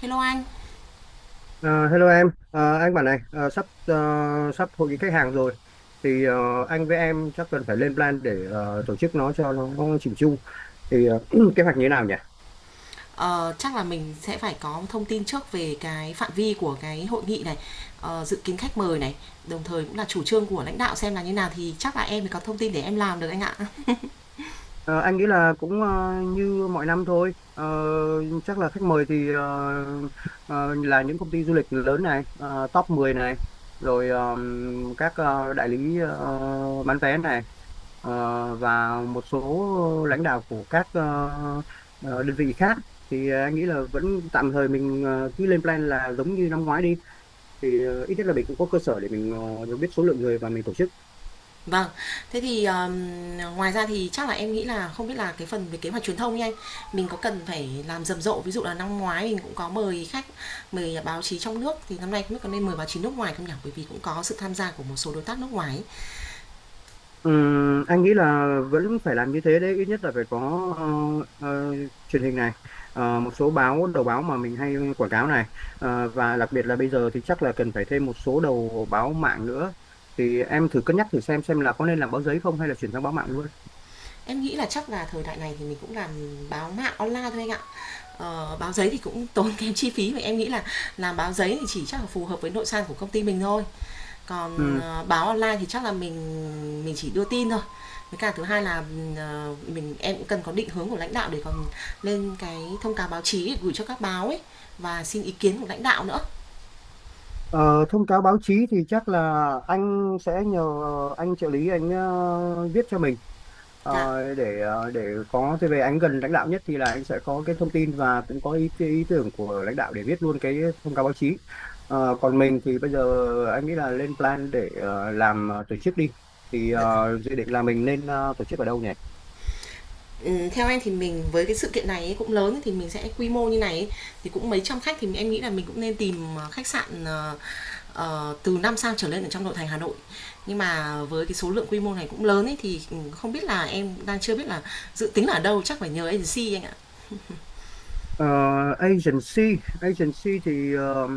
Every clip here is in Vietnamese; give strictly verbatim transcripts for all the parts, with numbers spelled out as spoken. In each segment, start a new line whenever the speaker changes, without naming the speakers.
Hello anh,
Ờ, Hello em. Ờ, anh bảo này, ờ, sắp ờ, sắp hội nghị khách hàng rồi. Thì ờ, anh với em chắc cần phải lên plan để ờ, tổ chức nó cho nó chỉnh chu. Thì ờ, kế hoạch như thế nào nhỉ?
ờ, chắc là mình sẽ phải có thông tin trước về cái phạm vi của cái hội nghị này, ờ, dự kiến khách mời này, đồng thời cũng là chủ trương của lãnh đạo xem là như nào thì chắc là em mới có thông tin để em làm được anh ạ.
Ờ, anh nghĩ là cũng ờ, như mọi năm thôi. Ờ, Chắc là khách mời thì ờ, ờ, là những công ty du lịch lớn này, ờ, top mười này, rồi ờ, các ờ, đại lý ờ, bán vé này, ờ, và một số lãnh đạo của các ờ, ờ, đơn vị khác. Thì ờ, anh nghĩ là vẫn tạm thời mình ờ, cứ lên plan là giống như năm ngoái đi. Thì ờ, ít nhất là mình cũng có cơ sở để mình ờ, biết số lượng người và mình tổ chức.
Vâng, thế thì ờm, ngoài ra thì chắc là em nghĩ là không biết là cái phần về kế hoạch truyền thông nha anh, mình có cần phải làm rầm rộ, ví dụ là năm ngoái mình cũng có mời khách, mời báo chí trong nước thì năm nay không biết có nên mời báo chí nước ngoài không nhỉ? Bởi vì cũng có sự tham gia của một số đối tác nước ngoài. ấy.
Ừm, anh nghĩ là vẫn phải làm như thế đấy, ít nhất là phải có ờ, ờ, truyền hình này, ờ, một số báo đầu báo mà mình hay quảng cáo này. Ờ, và đặc biệt là bây giờ thì chắc là cần phải thêm một số đầu báo mạng nữa, thì em thử cân nhắc thử xem xem là có nên làm báo giấy không hay là chuyển sang báo mạng luôn.
Em nghĩ là chắc là thời đại này thì mình cũng làm báo mạng online thôi anh ạ. Ờ, báo giấy thì cũng tốn kém chi phí và em nghĩ là làm báo giấy thì chỉ chắc là phù hợp với nội san của công ty mình thôi. Còn,
Ừm.
ờ, báo online thì chắc là mình mình chỉ đưa tin thôi. Với cả thứ hai là, ờ, mình em cũng cần có định hướng của lãnh đạo để còn lên cái thông cáo báo chí gửi cho các báo ấy và xin ý kiến của lãnh đạo nữa.
Ờ, Thông cáo báo chí thì chắc là anh sẽ nhờ anh trợ lý anh ờ, viết cho mình.
Dạ.
Ờ, để ờ, để có thế về anh gần lãnh đạo nhất thì là anh sẽ có cái thông tin và cũng có ý, ý tưởng của lãnh đạo để viết luôn cái thông cáo báo chí. Ờ, còn mình thì bây giờ anh nghĩ là lên plan để ờ, làm ờ, tổ chức đi. Thì ờ,
Dạ.
dự định là mình nên ờ, tổ chức ở đâu nhỉ?
Ừ, theo em thì mình với cái sự kiện này ấy, cũng lớn thì mình sẽ quy mô như này ấy, thì cũng mấy trăm khách thì em nghĩ là mình cũng nên tìm ờ, khách sạn ờ, ờ, từ năm sao trở lên ở trong nội thành Hà Nội. Nhưng mà với cái số lượng quy mô này cũng lớn ấy thì ừ, không biết là em đang chưa biết là dự tính là ở đâu chắc phải nhờ agency anh ạ.
Ờ, agency agency thì ờ,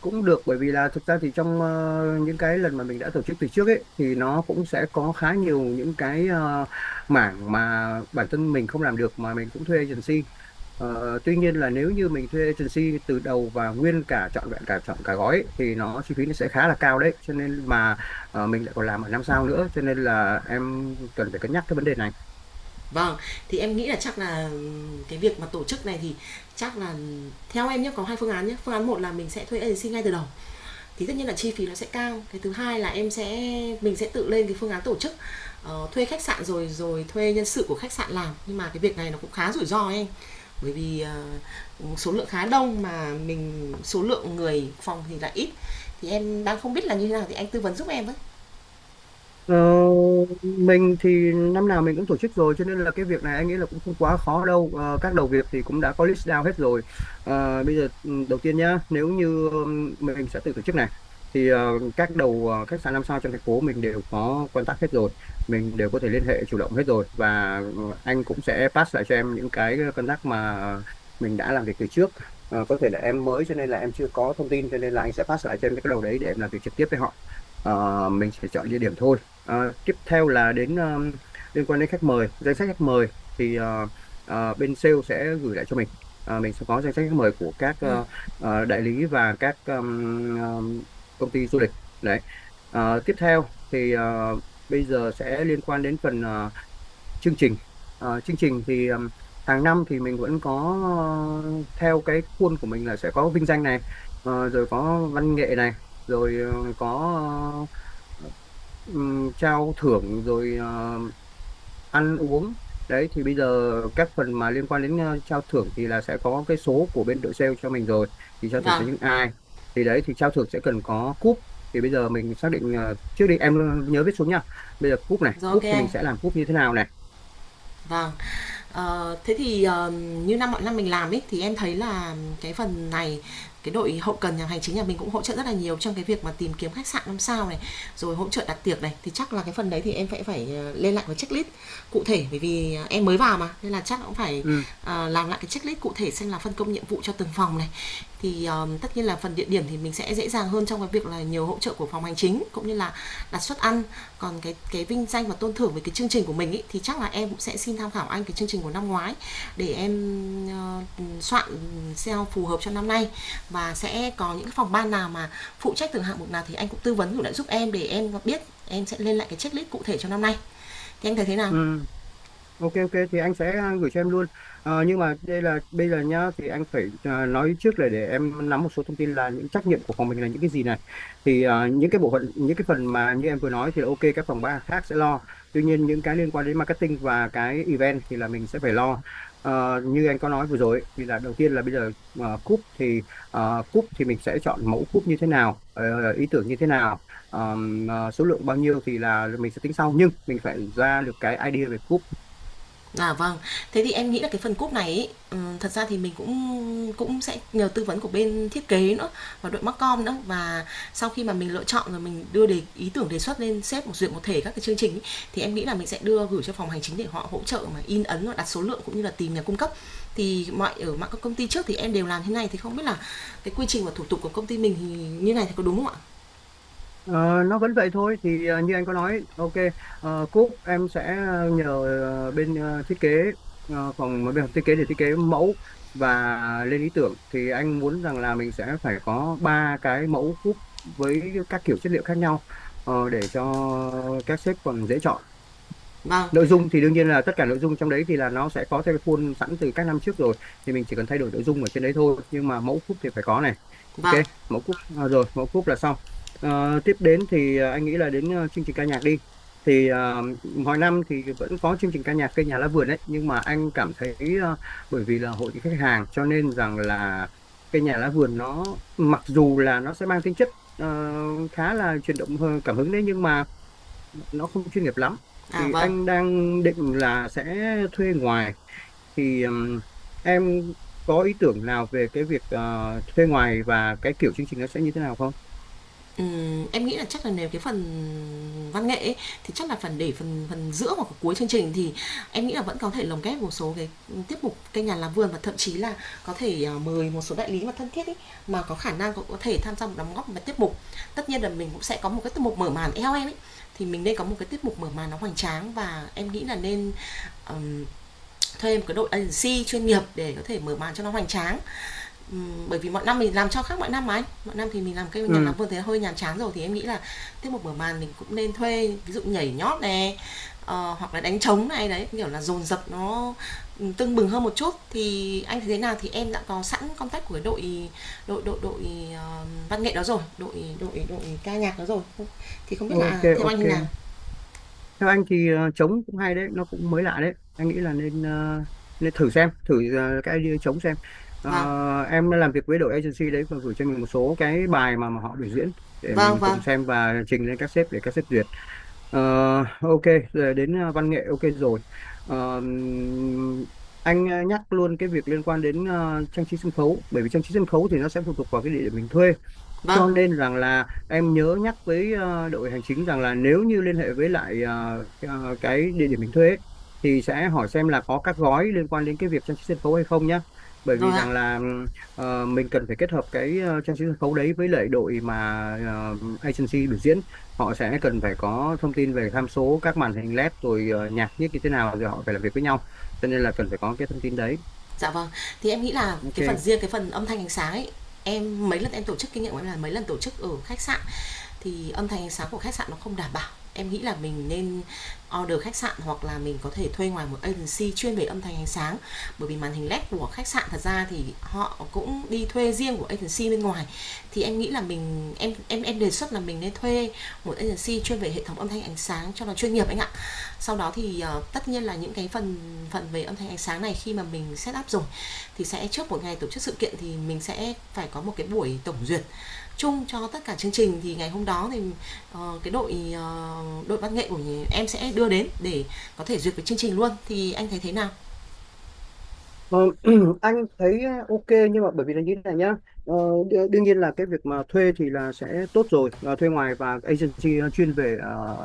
cũng được, bởi vì là thực ra thì trong ờ, những cái lần mà mình đã tổ chức từ trước ấy thì nó cũng sẽ có khá nhiều những cái ờ, mảng mà bản thân mình không làm được mà mình cũng thuê agency. Ờ, tuy nhiên là nếu như mình thuê agency từ đầu và nguyên cả trọn vẹn cả chọn cả gói ấy, thì nó chi phí nó sẽ khá là cao đấy, cho nên mà ờ, mình lại còn làm ở năm sao nữa, cho nên là em cần phải cân nhắc cái vấn đề này.
Vâng, thì em nghĩ là chắc là ừ, cái việc mà tổ chức này thì chắc là ừ, theo em nhé có hai phương án nhé. Phương án một là mình sẽ thuê agency ngay từ đầu thì tất nhiên là chi phí nó sẽ cao cái thứ hai là em sẽ mình sẽ tự lên cái phương án tổ chức ờ, thuê khách sạn rồi rồi thuê nhân sự của khách sạn làm nhưng mà cái việc này nó cũng khá rủi ro ấy anh bởi vì ờ, số lượng khá đông mà mình số lượng người phòng thì lại ít thì em đang không biết là như thế nào thì anh tư vấn giúp em với.
Ờ, mình thì năm nào mình cũng tổ chức rồi, cho nên là cái việc này anh nghĩ là cũng không quá khó đâu. Ờ, các đầu việc thì cũng đã có list down hết rồi. Ờ, bây giờ ừ, đầu tiên nhá, nếu như ừm, mình sẽ tự tổ chức này thì ờ, các đầu ờ, khách sạn năm sao trong thành phố mình đều có contact hết rồi, mình đều có thể liên hệ chủ động hết rồi và ờ, anh cũng sẽ pass lại cho em những cái contact mà mình đã làm việc từ trước. Ờ, có thể là em mới cho nên là em chưa có thông tin, cho nên là anh sẽ pass lại cho em cái đầu đấy để em làm việc trực tiếp với họ. Ờ, mình sẽ chọn địa điểm thôi. Ờ, Tiếp theo là đến ờ, liên quan đến khách mời, danh sách khách mời thì ờ, ờ, bên sale sẽ gửi lại cho mình. Ờ, mình sẽ có danh sách khách mời của các
Ừ.
ờ, ờ, đại lý và các ờm, ờm, công ty du lịch. Đấy. Ờ, tiếp theo thì ờ, bây giờ sẽ liên quan đến phần ờ, chương trình. Ờ, chương trình thì ừm, hàng năm thì mình vẫn có ờ, theo cái khuôn của mình là sẽ có vinh danh này, ờ, rồi có văn nghệ này, rồi ờ, có ờ, ừm, trao thưởng, rồi ờ, ăn uống. Đấy thì bây giờ các phần mà liên quan đến ờ, trao thưởng thì là sẽ có cái số của bên đội sale cho mình rồi, thì trao thưởng cho
Vâng.
những ai. Thì đấy, thì trao thưởng sẽ cần có cúp, thì bây giờ mình xác định ờ, trước đi em, nhớ viết xuống nha. Bây giờ cúp này,
Rồi, ok
cúp thì mình
anh.
sẽ làm cúp như thế nào này?
Vâng. Ờ, thế thì, ờ, như năm mọi năm mình làm ấy, thì em thấy là cái phần này, cái đội hậu cần nhà hành chính nhà mình cũng hỗ trợ rất là nhiều trong cái việc mà tìm kiếm khách sạn năm sao này, rồi hỗ trợ đặt tiệc này, thì chắc là cái phần đấy thì em phải phải, ờ, lên lại cái checklist cụ thể, bởi vì, ờ, em mới vào mà, nên là chắc cũng phải,
Ừ.
ờ, làm lại cái checklist cụ thể xem là phân công nhiệm vụ cho từng phòng này. Thì, ờ, tất nhiên là phần địa điểm thì mình sẽ dễ dàng hơn trong cái việc là nhiều hỗ trợ của phòng hành chính, cũng như là đặt suất ăn, còn cái cái vinh danh và tôn thưởng về cái chương trình của mình ý, thì chắc là em cũng sẽ xin tham khảo anh cái chương trình của năm ngoái để em ờ, soạn ét e o phù hợp cho năm nay và sẽ có những cái phòng ban nào mà phụ trách từng hạng mục nào thì anh cũng tư vấn cũng lại giúp em để em biết em sẽ lên lại cái checklist cụ thể cho năm nay thì anh thấy thế nào.
Ừ. Ok, ok thì anh sẽ à, gửi cho em luôn. Ờ, nhưng mà đây là bây giờ nhá, thì anh phải à, nói trước là để em nắm một số thông tin là những trách nhiệm của phòng mình là những cái gì này. Thì à, những cái bộ phận, những cái phần mà như em vừa nói thì là ok, các phòng ban khác sẽ lo. Tuy nhiên những cái liên quan đến marketing và cái event thì là mình sẽ phải lo. Ờ, như anh có nói vừa rồi ấy, thì là đầu tiên là bây giờ, ờ, cúp thì ờ, cúp thì mình sẽ chọn mẫu cúp như thế nào, ờ, ý tưởng như thế nào, ờm, ờ, số lượng bao nhiêu thì là mình sẽ tính sau, nhưng mình phải ra được cái idea về cúp.
À, vâng. Thế thì em nghĩ là cái phần cúp này ấy, ừm, thật ra thì mình cũng cũng sẽ nhờ tư vấn của bên thiết kế nữa và đội MarCom nữa và sau khi mà mình lựa chọn rồi mình đưa đề ý tưởng đề xuất lên sếp một duyệt một thể các cái chương trình ấy, thì em nghĩ là mình sẽ đưa gửi cho phòng hành chính để họ hỗ trợ mà in ấn và đặt số lượng cũng như là tìm nhà cung cấp. Thì mọi ở mạng các công ty trước thì em đều làm thế này thì không biết là cái quy trình và thủ tục của công ty mình thì như này thì có đúng không ạ?
Ờ, nó vẫn vậy thôi thì ờ, như anh có nói, ok. Ờ, cúp em sẽ ờ, nhờ ờ, bên ờ, thiết kế ờ, phòng ờ, bên phòng thiết kế để thiết kế mẫu và lên ý tưởng, thì anh muốn rằng là mình sẽ phải có ba cái mẫu cúp với các kiểu chất liệu khác nhau, ờ, để cho các sếp còn dễ chọn.
Vâng.
Nội dung thì đương nhiên là tất cả nội dung trong đấy thì là nó sẽ có theo cái khuôn sẵn từ các năm trước rồi, thì mình chỉ cần thay đổi nội dung ở trên đấy thôi, nhưng mà mẫu cúp thì phải có này.
Vâng.
Ok, mẫu cúp à, rồi mẫu cúp là xong. Ờ, tiếp đến thì à, anh nghĩ là đến ờ, chương trình ca nhạc đi. Thì à, mỗi năm thì vẫn có chương trình ca nhạc cây nhà lá vườn đấy, nhưng mà anh cảm thấy ờ, bởi vì là hội khách hàng cho nên rằng là cây nhà lá vườn nó mặc dù là nó sẽ mang tính chất ờ, khá là chuyển động ờ, cảm hứng đấy, nhưng mà nó không chuyên nghiệp lắm.
À,
Thì
vâng.
anh đang định là sẽ thuê ngoài. Thì ừm, em có ý tưởng nào về cái việc ờ, thuê ngoài và cái kiểu chương trình nó sẽ như thế nào không?
Ừm, em nghĩ là chắc là nếu cái phần văn nghệ ấy, thì chắc là phần để phần phần giữa hoặc cuối chương trình thì em nghĩ là vẫn có thể lồng ghép một số cái tiết mục cây nhà làm vườn và thậm chí là có thể à, mời một số đại lý mà thân thiết ấy, mà có khả năng cũng có thể tham gia một đóng góp vào tiết mục. Tất nhiên là mình cũng sẽ có một cái tiết mục mở màn eo em ấy thì mình nên có một cái tiết mục mở màn nó hoành tráng và em nghĩ là nên ừm, thuê một cái đội agency chuyên nghiệp để có thể mở màn cho nó hoành tráng. Ừm, bởi vì mọi năm mình làm cho khác mọi năm mà anh. Mọi năm thì mình làm cây nhà
Ừ,
làm vườn thì hơi nhàm chán rồi thì em nghĩ là tiết một mở màn mình cũng nên thuê, ví dụ nhảy nhót này ờ, hoặc là đánh trống này, đấy, kiểu là, dồn dập nó, ừ, tưng bừng hơn một chút. Thì anh thấy thế nào thì em đã có sẵn contact của đội đội đội đội, ờ, văn nghệ đó rồi, đội đội đội ca nhạc đó rồi, thì không biết là, à,
ok,
theo anh
ok.
như nào?
Theo anh thì ờ, trống cũng hay đấy, nó cũng mới lạ đấy. Anh nghĩ là nên ờ, nên thử xem, thử ờ, cái idea trống xem.
Vâng,
Ờ, em đã làm việc với đội agency đấy và gửi cho mình một số cái bài mà, mà họ biểu diễn để
vâng,
mình
vâng,
cùng xem và trình lên các sếp để các sếp duyệt. Ờ, ok, giờ đến ờ, văn nghệ ok rồi. Ờ, anh ờ, nhắc luôn cái việc liên quan đến ờ, trang trí sân khấu, bởi vì trang trí sân khấu thì nó sẽ phụ thuộc vào cái địa điểm mình thuê,
vâng,
cho nên rằng là em nhớ nhắc với ờ, đội hành chính rằng là nếu như liên hệ với lại ờ, ờ, cái địa điểm mình thuê ấy, thì sẽ hỏi xem là có các gói liên quan đến cái việc trang trí sân khấu hay không nhé. Bởi vì
rồi ạ.
rằng là ừm, ờ, mình cần phải kết hợp cái ờ, trang trí sân khấu đấy với lại đội mà ờ, agency biểu diễn, họ sẽ cần phải có thông tin về tham số các màn hình L E D rồi ờ, nhạc nhiếc như thế nào rồi họ phải làm việc với nhau, cho nên là cần phải có cái thông tin đấy,
Dạ vâng. Thì em nghĩ là cái phần
ok.
riêng cái phần âm thanh ánh sáng ấy, em mấy lần em tổ chức kinh nghiệm của em là mấy lần tổ chức ở khách sạn thì âm thanh ánh sáng của khách sạn nó không đảm bảo, em nghĩ là mình nên order khách sạn hoặc là mình có thể thuê ngoài một agency chuyên về âm thanh ánh sáng bởi vì màn hình led của khách sạn thật ra thì họ cũng đi thuê riêng của agency bên ngoài thì em nghĩ là mình em em em đề xuất là mình nên thuê một agency chuyên về hệ thống âm thanh ánh sáng cho nó chuyên nghiệp anh ạ. Sau đó thì uh, tất nhiên là những cái phần phần về âm thanh ánh sáng này khi mà mình set up rồi thì sẽ trước một ngày tổ chức sự kiện thì mình sẽ phải có một cái buổi tổng duyệt chung cho tất cả chương trình thì ngày hôm đó thì ờ, cái đội ờ, đội văn nghệ của em sẽ đưa đến để có thể duyệt với chương trình luôn thì anh thấy thế nào.
Ờ, anh thấy ờ, ok, nhưng mà bởi vì là như thế này nhá. ờ, đ- Đương nhiên là cái việc mà thuê thì là sẽ tốt rồi, ờ, thuê ngoài và agency ờ, chuyên về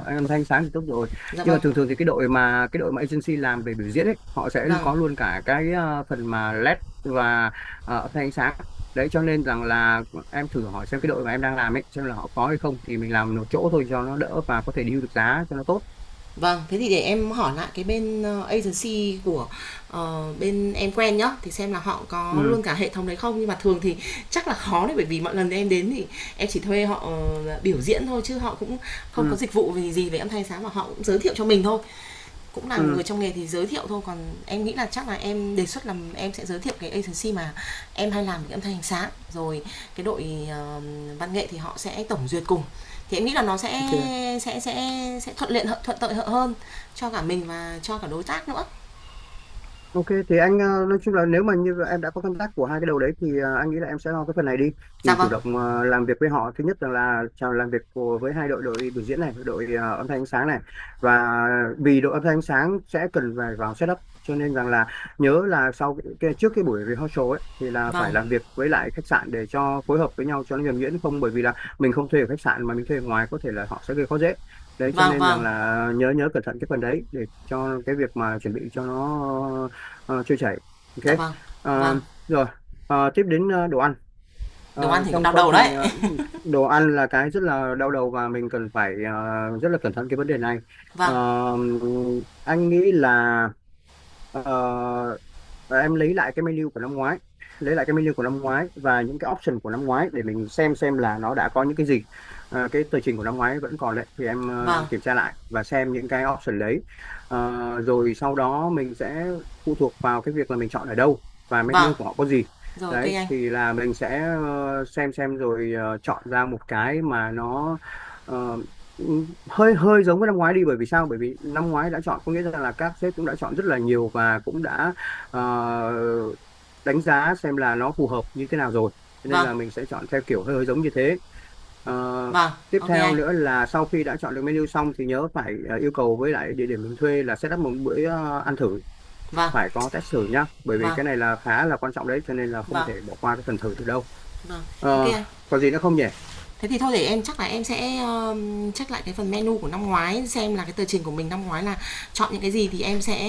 uh, âm thanh sáng thì tốt rồi.
Dạ
Nhưng
vâng.
mà thường thường thì cái đội mà cái đội mà agency làm về biểu diễn ấy, họ sẽ
Vâng,
có luôn cả cái ờ, phần mà L E D và ờ, âm thanh ánh sáng đấy, cho nên rằng là em thử hỏi xem cái đội mà em đang làm ấy xem là họ có hay không, thì mình làm một chỗ thôi cho nó đỡ và có thể deal được giá cho nó tốt.
vâng, thế thì để em hỏi lại cái bên ờ, agency của ờ, bên em quen nhá thì xem là họ có
Ừ,
luôn cả hệ thống đấy không nhưng mà thường thì chắc là khó đấy bởi vì mọi lần em đến thì em chỉ thuê họ ờ, biểu diễn thôi chứ họ cũng không có
ừ,
dịch vụ gì gì về âm thanh sáng mà họ cũng giới thiệu cho mình thôi cũng là
ừ,
người trong nghề thì giới thiệu thôi còn em nghĩ là chắc là em đề xuất là em sẽ giới thiệu cái agency mà em hay làm cái âm thanh ánh sáng rồi. Cái đội ờ, văn nghệ thì họ sẽ tổng duyệt cùng thì em nghĩ là nó sẽ
ok.
sẽ sẽ sẽ thuận tiện hơn- thuận lợi hơn cho cả mình và cho cả đối tác nữa.
Ok, thì anh ờ, nói chung là nếu mà như em đã có contact của hai cái đầu đấy thì ờ, anh nghĩ là em sẽ lo cái phần này đi,
Dạ,
thì
vâng,
chủ động ờ, làm việc với họ. Thứ nhất rằng là chào làm việc của, với hai đội, đội biểu diễn này, đội ờ, âm thanh ánh sáng này, và vì đội âm thanh ánh sáng sẽ cần phải vào setup, cho nên rằng là nhớ là sau cái, cái- trước cái buổi rehearsal ấy thì là phải
vâng,
làm việc với lại khách sạn để cho phối hợp với nhau cho nó nhuần nhuyễn, không bởi vì là mình không thuê ở khách sạn mà mình thuê ở ngoài có thể là họ sẽ gây khó dễ đấy, cho
vâng,
nên rằng
vâng.
là nhớ nhớ cẩn thận cái phần đấy để cho cái việc mà chuẩn bị cho nó ờ, trôi chảy,
Dạ,
ok.
vâng,
Ờ,
vâng.
Rồi. Ờ, tiếp đến ờ, đồ ăn.
Đồ ăn
Ờ,
thì cũng
trong
đau
quá
đầu
trình
đấy.
ờ, Đồ ăn là cái rất là đau đầu và mình cần phải ờ, rất là cẩn thận cái vấn đề này. Ờ,
Vâng,
anh nghĩ là ờ, và em lấy lại cái menu của năm ngoái, lấy lại cái menu của năm ngoái và những cái option của năm ngoái để mình xem xem là nó đã có những cái gì. À, cái tờ trình của năm ngoái vẫn còn đấy, thì em ờ,
vâng,
kiểm tra lại và xem những cái option đấy. Ờ, rồi sau đó mình sẽ phụ thuộc vào cái việc là mình chọn ở đâu và
vâng.
menu của họ có gì.
Rồi, ok
Đấy
anh.
thì là mình sẽ ờ, xem xem rồi ờ, chọn ra một cái mà nó ờ, hơi hơi giống với năm ngoái đi. Bởi vì sao? Bởi vì năm ngoái đã chọn có nghĩa là các sếp cũng đã chọn rất là nhiều và cũng đã ờ, đánh giá xem là nó phù hợp như thế nào rồi, cho nên
Vâng,
là mình sẽ chọn theo kiểu hơi, hơi giống như thế. Ờ,
vâng,
Tiếp
ok
theo
anh.
nữa là sau khi đã chọn được menu xong thì nhớ phải ờ, yêu cầu với lại địa điểm mình thuê là set up một bữa ờ, ăn thử.
Vâng,
Phải có test thử nhá, bởi vì
vâng,
cái này là khá là quan trọng đấy, cho nên là không
vâng,
thể bỏ qua cái phần thử được đâu.
vâng, ok
Ờ,
anh.
Còn gì nữa không nhỉ?
Thế thì thôi để em chắc là em sẽ, ờ, check lại cái phần menu của năm ngoái xem là cái tờ trình của mình năm ngoái là chọn những cái gì thì em sẽ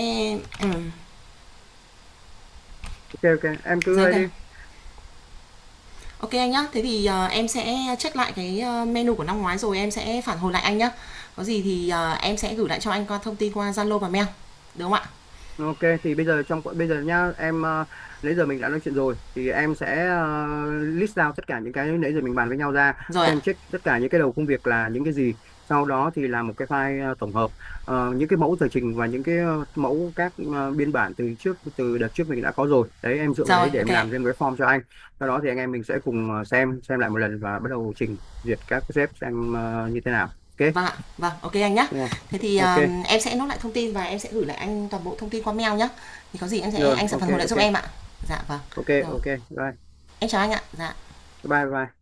ừm,
Ok, ok, em cứ
giấy
ấy đi.
kìa. Ok anh nhá. Thế thì, ờ, em sẽ check lại cái, ờ, menu của năm ngoái rồi em sẽ phản hồi lại anh nhá. Có gì thì, ờ, em sẽ gửi lại cho anh qua thông tin qua Zalo và mail, được không ạ?
Ok, thì bây giờ trong bây giờ nhá em, ờ, nãy giờ mình đã nói chuyện rồi thì em sẽ ờ, list out tất cả những cái nãy giờ mình bàn với nhau ra,
Rồi ạ.
xem check tất cả những cái đầu công việc là những cái gì, sau đó thì làm một cái file ờ, tổng hợp. Ờ, những cái mẫu tờ trình và những cái ờ, mẫu các ờ, biên bản từ trước từ đợt trước mình đã có rồi đấy, em dựa vào
Rồi,
đấy để
ok
em
ạ.
làm thêm một cái form cho anh, sau đó thì anh em mình sẽ cùng ờ, xem xem lại một lần và bắt đầu trình duyệt các cái sếp xem ờ, như thế nào. Ok.
Vâng ạ. Vâng, ok anh nhá.
Đúng rồi.
Thế thì,
Ok
ờm, em sẽ nốt lại thông tin và em sẽ gửi lại anh toàn bộ thông tin qua mail nhá. Thì có gì em sẽ
rồi,
anh sẽ
ok,
phản hồi lại giúp
ok,
em ạ. Dạ vâng.
ok,
Rồi,
ok, bye,
em chào anh ạ. Dạ.
bye, bye.